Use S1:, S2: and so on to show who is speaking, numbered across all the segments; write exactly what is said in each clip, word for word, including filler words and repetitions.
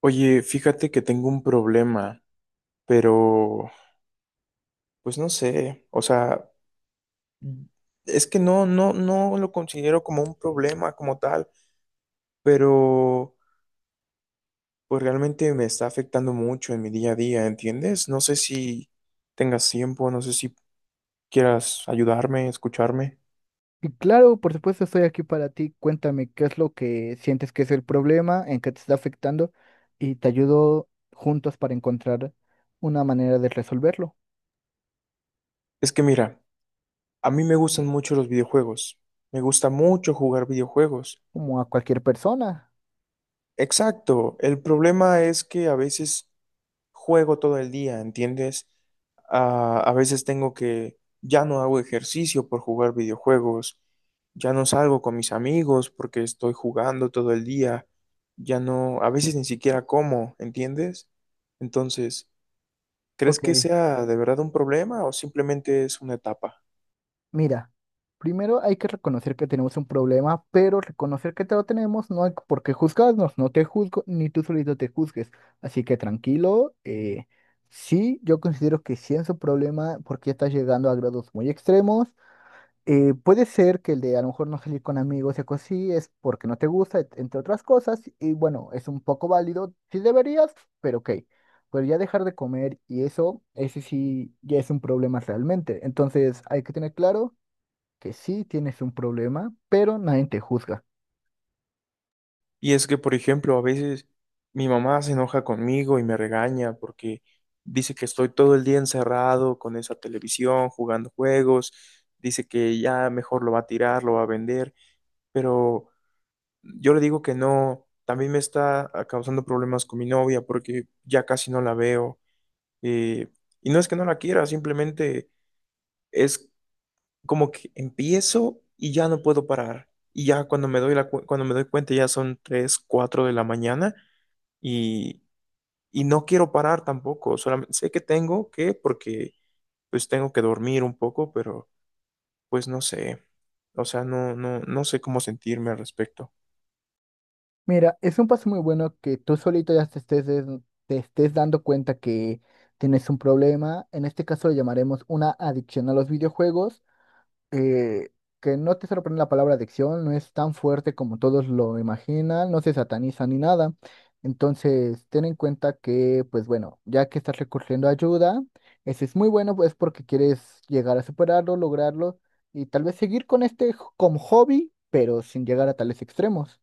S1: Oye, fíjate que tengo un problema, pero pues no sé, o sea, es que no, no, no lo considero como un problema como tal, pero pues realmente me está afectando mucho en mi día a día, ¿entiendes? No sé si tengas tiempo, no sé si quieras ayudarme, escucharme.
S2: Y claro, por supuesto, estoy aquí para ti. Cuéntame qué es lo que sientes que es el problema, en qué te está afectando y te ayudo juntos para encontrar una manera de resolverlo,
S1: Es que mira, a mí me gustan mucho los videojuegos, me gusta mucho jugar videojuegos.
S2: como a cualquier persona.
S1: Exacto, el problema es que a veces juego todo el día, ¿entiendes? Ah, a veces tengo que, ya no hago ejercicio por jugar videojuegos, ya no salgo con mis amigos porque estoy jugando todo el día, ya no, a veces ni siquiera como, ¿entiendes? Entonces, ¿crees
S2: Ok,
S1: que sea de verdad un problema o simplemente es una etapa?
S2: mira, primero hay que reconocer que tenemos un problema, pero reconocer que te lo tenemos no hay por qué juzgarnos, no te juzgo ni tú solito te juzgues. Así que tranquilo, eh, sí, yo considero que sí es un problema porque estás llegando a grados muy extremos. Eh, puede ser que el de a lo mejor no salir con amigos y cosas así es porque no te gusta, et- entre otras cosas, y bueno, es un poco válido, sí deberías, pero ok. Pero ya dejar de comer y eso, ese sí ya es un problema realmente. Entonces hay que tener claro que sí tienes un problema, pero nadie te juzga.
S1: Y es que, por ejemplo, a veces mi mamá se enoja conmigo y me regaña porque dice que estoy todo el día encerrado con esa televisión, jugando juegos, dice que ya mejor lo va a tirar, lo va a vender, pero yo le digo que no, también me está ah, causando problemas con mi novia porque ya casi no la veo. eh, y no es que no la quiera, simplemente es como que empiezo y ya no puedo parar. Y ya cuando me doy la, cu- cuando me doy cuenta ya son tres cuatro de la mañana y, y no quiero parar tampoco, solamente sé que tengo que, porque pues tengo que dormir un poco, pero pues no sé, o sea, no, no, no sé cómo sentirme al respecto.
S2: Mira, es un paso muy bueno que tú solito ya te estés, des- te estés dando cuenta que tienes un problema. En este caso lo llamaremos una adicción a los videojuegos. eh, que no te sorprende la palabra adicción, no es tan fuerte como todos lo imaginan, no se sataniza ni nada. Entonces, ten en cuenta que, pues bueno, ya que estás recurriendo a ayuda, eso es muy bueno, pues porque quieres llegar a superarlo, lograrlo y tal vez seguir con este jo- como hobby, pero sin llegar a tales extremos.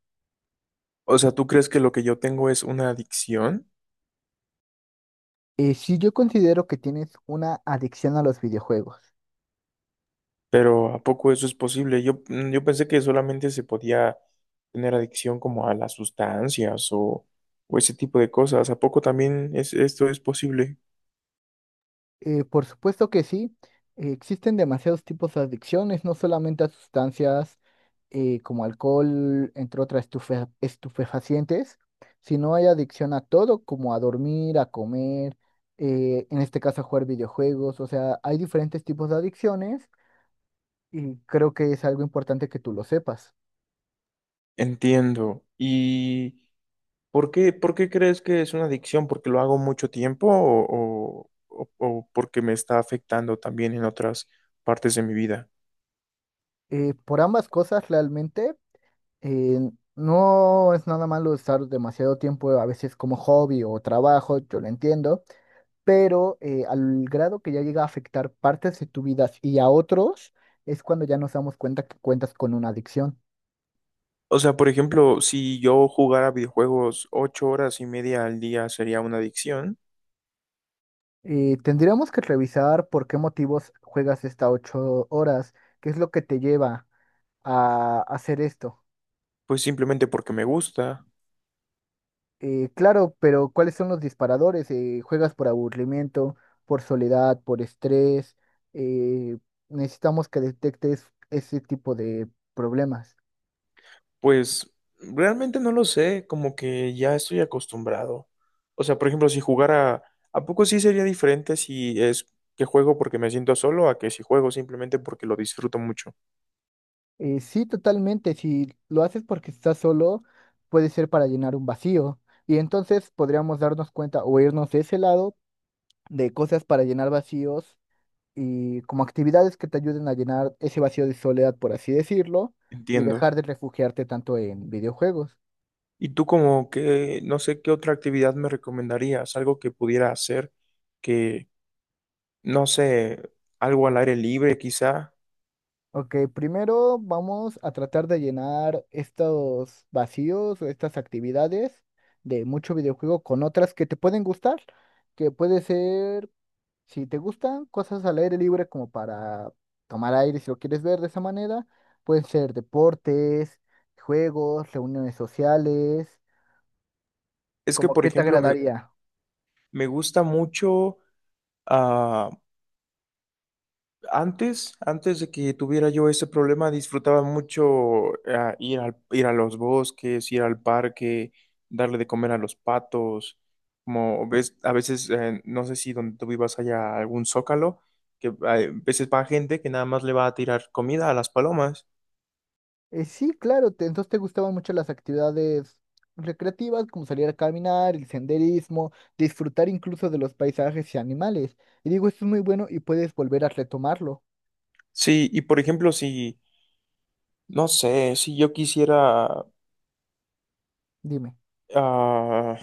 S1: O sea, ¿tú crees que lo que yo tengo es una adicción?
S2: Eh, sí, yo considero que tienes una adicción a los videojuegos.
S1: Pero ¿a poco eso es posible? Yo, mm, yo pensé que solamente se podía tener adicción como a las sustancias o, o ese tipo de cosas. ¿A poco también es, esto es posible?
S2: Eh, por supuesto que sí, eh, existen demasiados tipos de adicciones, no solamente a sustancias, eh, como alcohol, entre otras estufe- estupefacientes, sino hay adicción a todo, como a dormir, a comer, eh, en este caso a jugar videojuegos, o sea, hay diferentes tipos de adicciones y creo que es algo importante que tú lo sepas.
S1: Entiendo. Y... ¿Por qué, por qué crees que es una adicción? ¿Porque lo hago mucho tiempo o, o- o- o porque me está afectando también en otras partes de mi vida?
S2: Eh, por ambas cosas, realmente, eh, no es nada malo estar demasiado tiempo a veces como hobby o trabajo, yo lo entiendo, pero eh, al grado que ya llega a afectar partes de tu vida y a otros, es cuando ya nos damos cuenta que cuentas con una adicción.
S1: O sea, por ejemplo, si yo jugara videojuegos ocho horas y media al día sería una adicción,
S2: Eh, tendríamos que revisar por qué motivos juegas estas ocho horas, qué es lo que te lleva a hacer esto.
S1: pues simplemente porque me gusta.
S2: Eh, claro, pero ¿cuáles son los disparadores? Eh, ¿juegas por aburrimiento, por soledad, por estrés? Eh, Necesitamos que detectes ese tipo de problemas.
S1: Pues realmente no lo sé, como que ya estoy acostumbrado. O sea, por ejemplo, si jugara, ¿a poco sí sería diferente si es que juego porque me siento solo a que si juego simplemente porque lo disfruto mucho?
S2: Eh, sí, totalmente. Si lo haces porque estás solo, puede ser para llenar un vacío. Y entonces podríamos darnos cuenta o irnos de ese lado de cosas para llenar vacíos y como actividades que te ayuden a llenar ese vacío de soledad, por así decirlo, y
S1: Entiendo.
S2: dejar de refugiarte tanto en videojuegos.
S1: ¿Y tú como que, no sé, qué otra actividad me recomendarías? Algo que pudiera hacer, que, no sé, algo al aire libre quizá.
S2: Ok, primero vamos a tratar de llenar estos vacíos o estas actividades de mucho videojuego con otras que te pueden gustar, que puede ser. Si te gustan cosas al aire libre como para tomar aire, si lo quieres ver de esa manera, pueden ser deportes, juegos, reuniones sociales,
S1: Es que,
S2: como
S1: por
S2: qué te
S1: ejemplo, me,
S2: agradaría.
S1: me gusta mucho ah, Antes, antes de que tuviera yo ese problema, disfrutaba mucho ah, ir al- ir a los bosques, ir al parque, darle de comer a los patos. Como ves, a veces, eh, no sé si donde tú vivas haya algún zócalo, que hay- a veces va gente que nada más le va a tirar comida a las palomas.
S2: Eh, sí, claro, te- entonces te gustaban mucho las actividades recreativas, como salir a caminar, el senderismo, disfrutar incluso de los paisajes y animales. Y digo, esto es muy bueno y puedes volver a retomarlo.
S1: Sí, y por ejemplo, si, no sé, si yo quisiera,
S2: Dime.
S1: ah,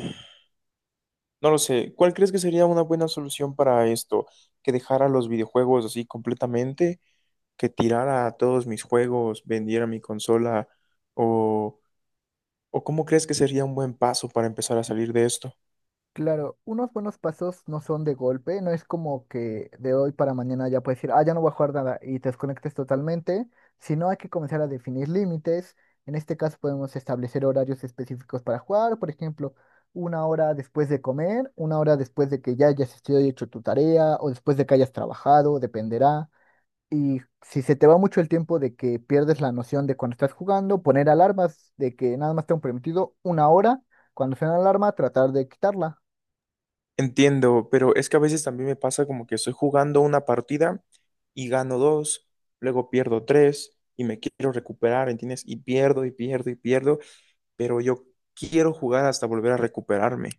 S1: no lo sé, ¿cuál crees que sería una buena solución para esto? ¿Que dejara los videojuegos así completamente, que tirara a todos mis juegos, vendiera mi consola o, o, cómo crees que sería un buen paso para empezar a salir de esto?
S2: Claro, unos buenos pasos no son de golpe, no es como que de hoy para mañana ya puedes decir, ah, ya no voy a jugar nada y te desconectes totalmente, sino hay que comenzar a definir límites. En este caso podemos establecer horarios específicos para jugar, por ejemplo, una hora después de comer, una hora después de que ya hayas estudiado y hecho tu tarea o después de que hayas trabajado, dependerá. Y si se te va mucho el tiempo de que pierdes la noción de cuando estás jugando, poner alarmas de que nada más tengo permitido una hora, cuando suena la alarma, tratar de quitarla.
S1: Entiendo, pero es que a veces también me pasa como que estoy jugando una partida y gano dos, luego pierdo tres y me quiero recuperar, ¿entiendes? Y pierdo y pierdo y pierdo, pero yo quiero jugar hasta volver a recuperarme.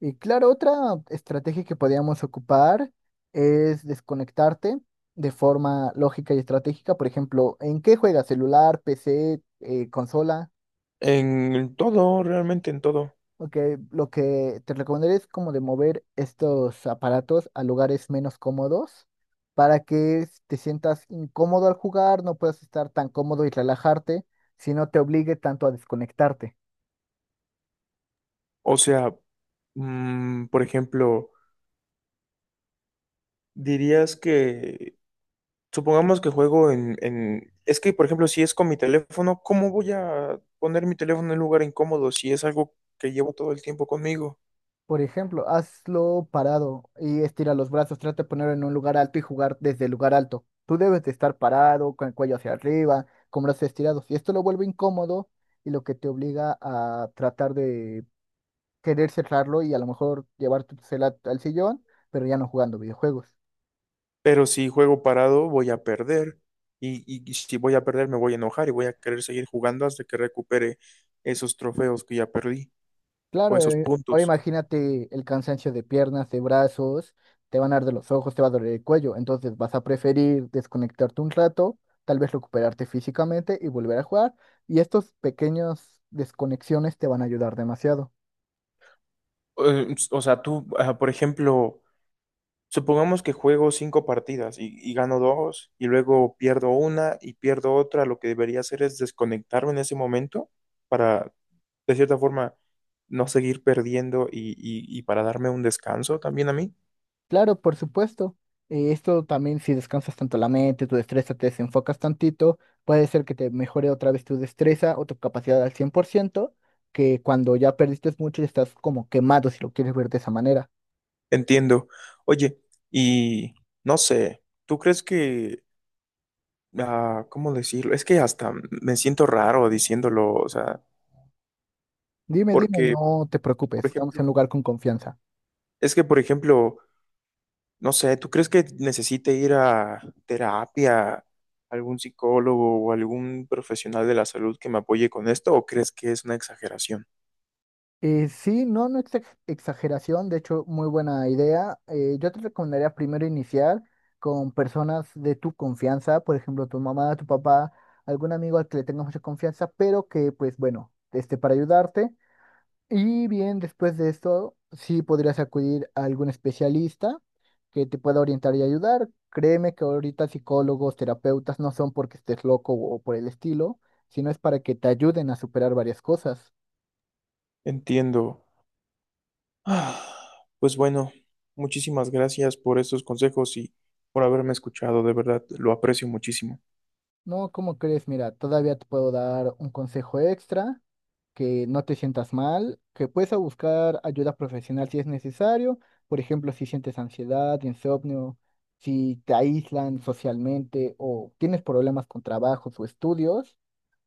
S2: Y claro, otra estrategia que podíamos ocupar es desconectarte de forma lógica y estratégica. Por ejemplo, ¿en qué juegas? ¿Celular, P C, eh, consola?
S1: En todo, realmente en todo.
S2: Ok, lo que te recomendaría es como de mover estos aparatos a lugares menos cómodos para que s- te sientas incómodo al jugar, no puedas estar tan cómodo y relajarte, si no te obligue tanto a desconectarte.
S1: O sea, mm, por ejemplo, dirías que supongamos que juego en, en... Es que, por ejemplo, si es con mi teléfono, ¿cómo voy a poner mi teléfono en un lugar incómodo si es algo que llevo todo el tiempo conmigo?
S2: Por ejemplo, hazlo parado y estira los brazos. Trata de ponerlo en un lugar alto y jugar desde el lugar alto. Tú debes de estar parado, con el cuello hacia arriba, con brazos estirados. Y esto lo vuelve incómodo y lo que te obliga a tratar de querer cerrarlo y a lo mejor llevar tu cel al sillón, pero ya no jugando videojuegos.
S1: Pero si juego parado, voy a perder. Y, y- y si voy a perder, me voy a enojar y voy a querer seguir jugando hasta que recupere esos trofeos que ya perdí o
S2: Claro,
S1: esos
S2: eh, ahora
S1: puntos.
S2: imagínate el cansancio de piernas, de brazos, te van a arder los ojos, te va a doler el cuello, entonces vas a preferir desconectarte un rato, tal vez recuperarte físicamente y volver a jugar, y estos pequeños desconexiones te van a ayudar demasiado.
S1: Eh, O sea, tú, ah, por ejemplo... Supongamos que juego cinco partidas y, y, gano dos y luego pierdo una y pierdo otra. Lo que debería hacer es desconectarme en ese momento para, de cierta forma, no seguir perdiendo y, y- y para darme un descanso también a mí.
S2: Claro, por supuesto, eh, esto también si descansas tanto la mente, tu destreza te desenfocas tantito, puede ser que te mejore otra vez tu destreza o tu capacidad al cien por ciento, que cuando ya perdiste mucho y estás como quemado si lo quieres ver de esa manera.
S1: Entiendo. Oye, y no sé, ¿tú crees que, ah, ¿cómo decirlo? Es que hasta me siento raro diciéndolo, o sea,
S2: Dime, dime,
S1: porque,
S2: no te preocupes,
S1: por
S2: estamos en
S1: ejemplo,
S2: un lugar con confianza.
S1: es que, por ejemplo, no sé, ¿tú crees que necesite ir a terapia, algún psicólogo o algún profesional de la salud que me apoye con esto o crees que es una exageración?
S2: Eh, sí, no, no es ex- exageración, de hecho, muy buena idea. Eh, yo te recomendaría primero iniciar con personas de tu confianza, por ejemplo, tu mamá, tu papá, algún amigo al que le tengas mucha confianza, pero que, pues bueno, esté para ayudarte. Y bien, después de esto, sí podrías acudir a algún especialista que te pueda orientar y ayudar. Créeme que ahorita psicólogos, terapeutas no son porque estés loco o por el estilo, sino es para que te ayuden a superar varias cosas.
S1: Entiendo. Ah, Pues bueno, muchísimas gracias por estos consejos y por haberme escuchado, de verdad, lo aprecio muchísimo.
S2: No, ¿cómo crees? Mira, todavía te puedo dar un consejo extra que no te sientas mal, que puedes a buscar ayuda profesional si es necesario, por ejemplo, si sientes ansiedad, insomnio, si te aíslan socialmente o tienes problemas con trabajos o estudios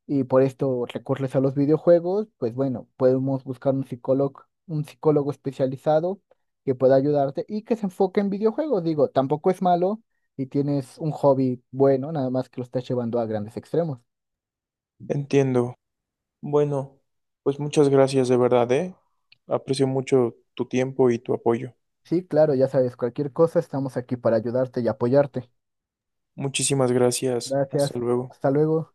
S2: y por esto recurres a los videojuegos, pues bueno, podemos buscar un psicólogo, un psicólogo especializado que pueda ayudarte y que se enfoque en videojuegos. Digo, tampoco es malo y tienes un hobby bueno, nada más que lo estás llevando a grandes extremos.
S1: Entiendo. Bueno, pues muchas gracias de verdad, ¿eh? Aprecio mucho tu tiempo y tu apoyo.
S2: Sí, claro, ya sabes, cualquier cosa, estamos aquí para ayudarte y apoyarte.
S1: Muchísimas gracias. Hasta
S2: Gracias,
S1: luego.
S2: hasta luego.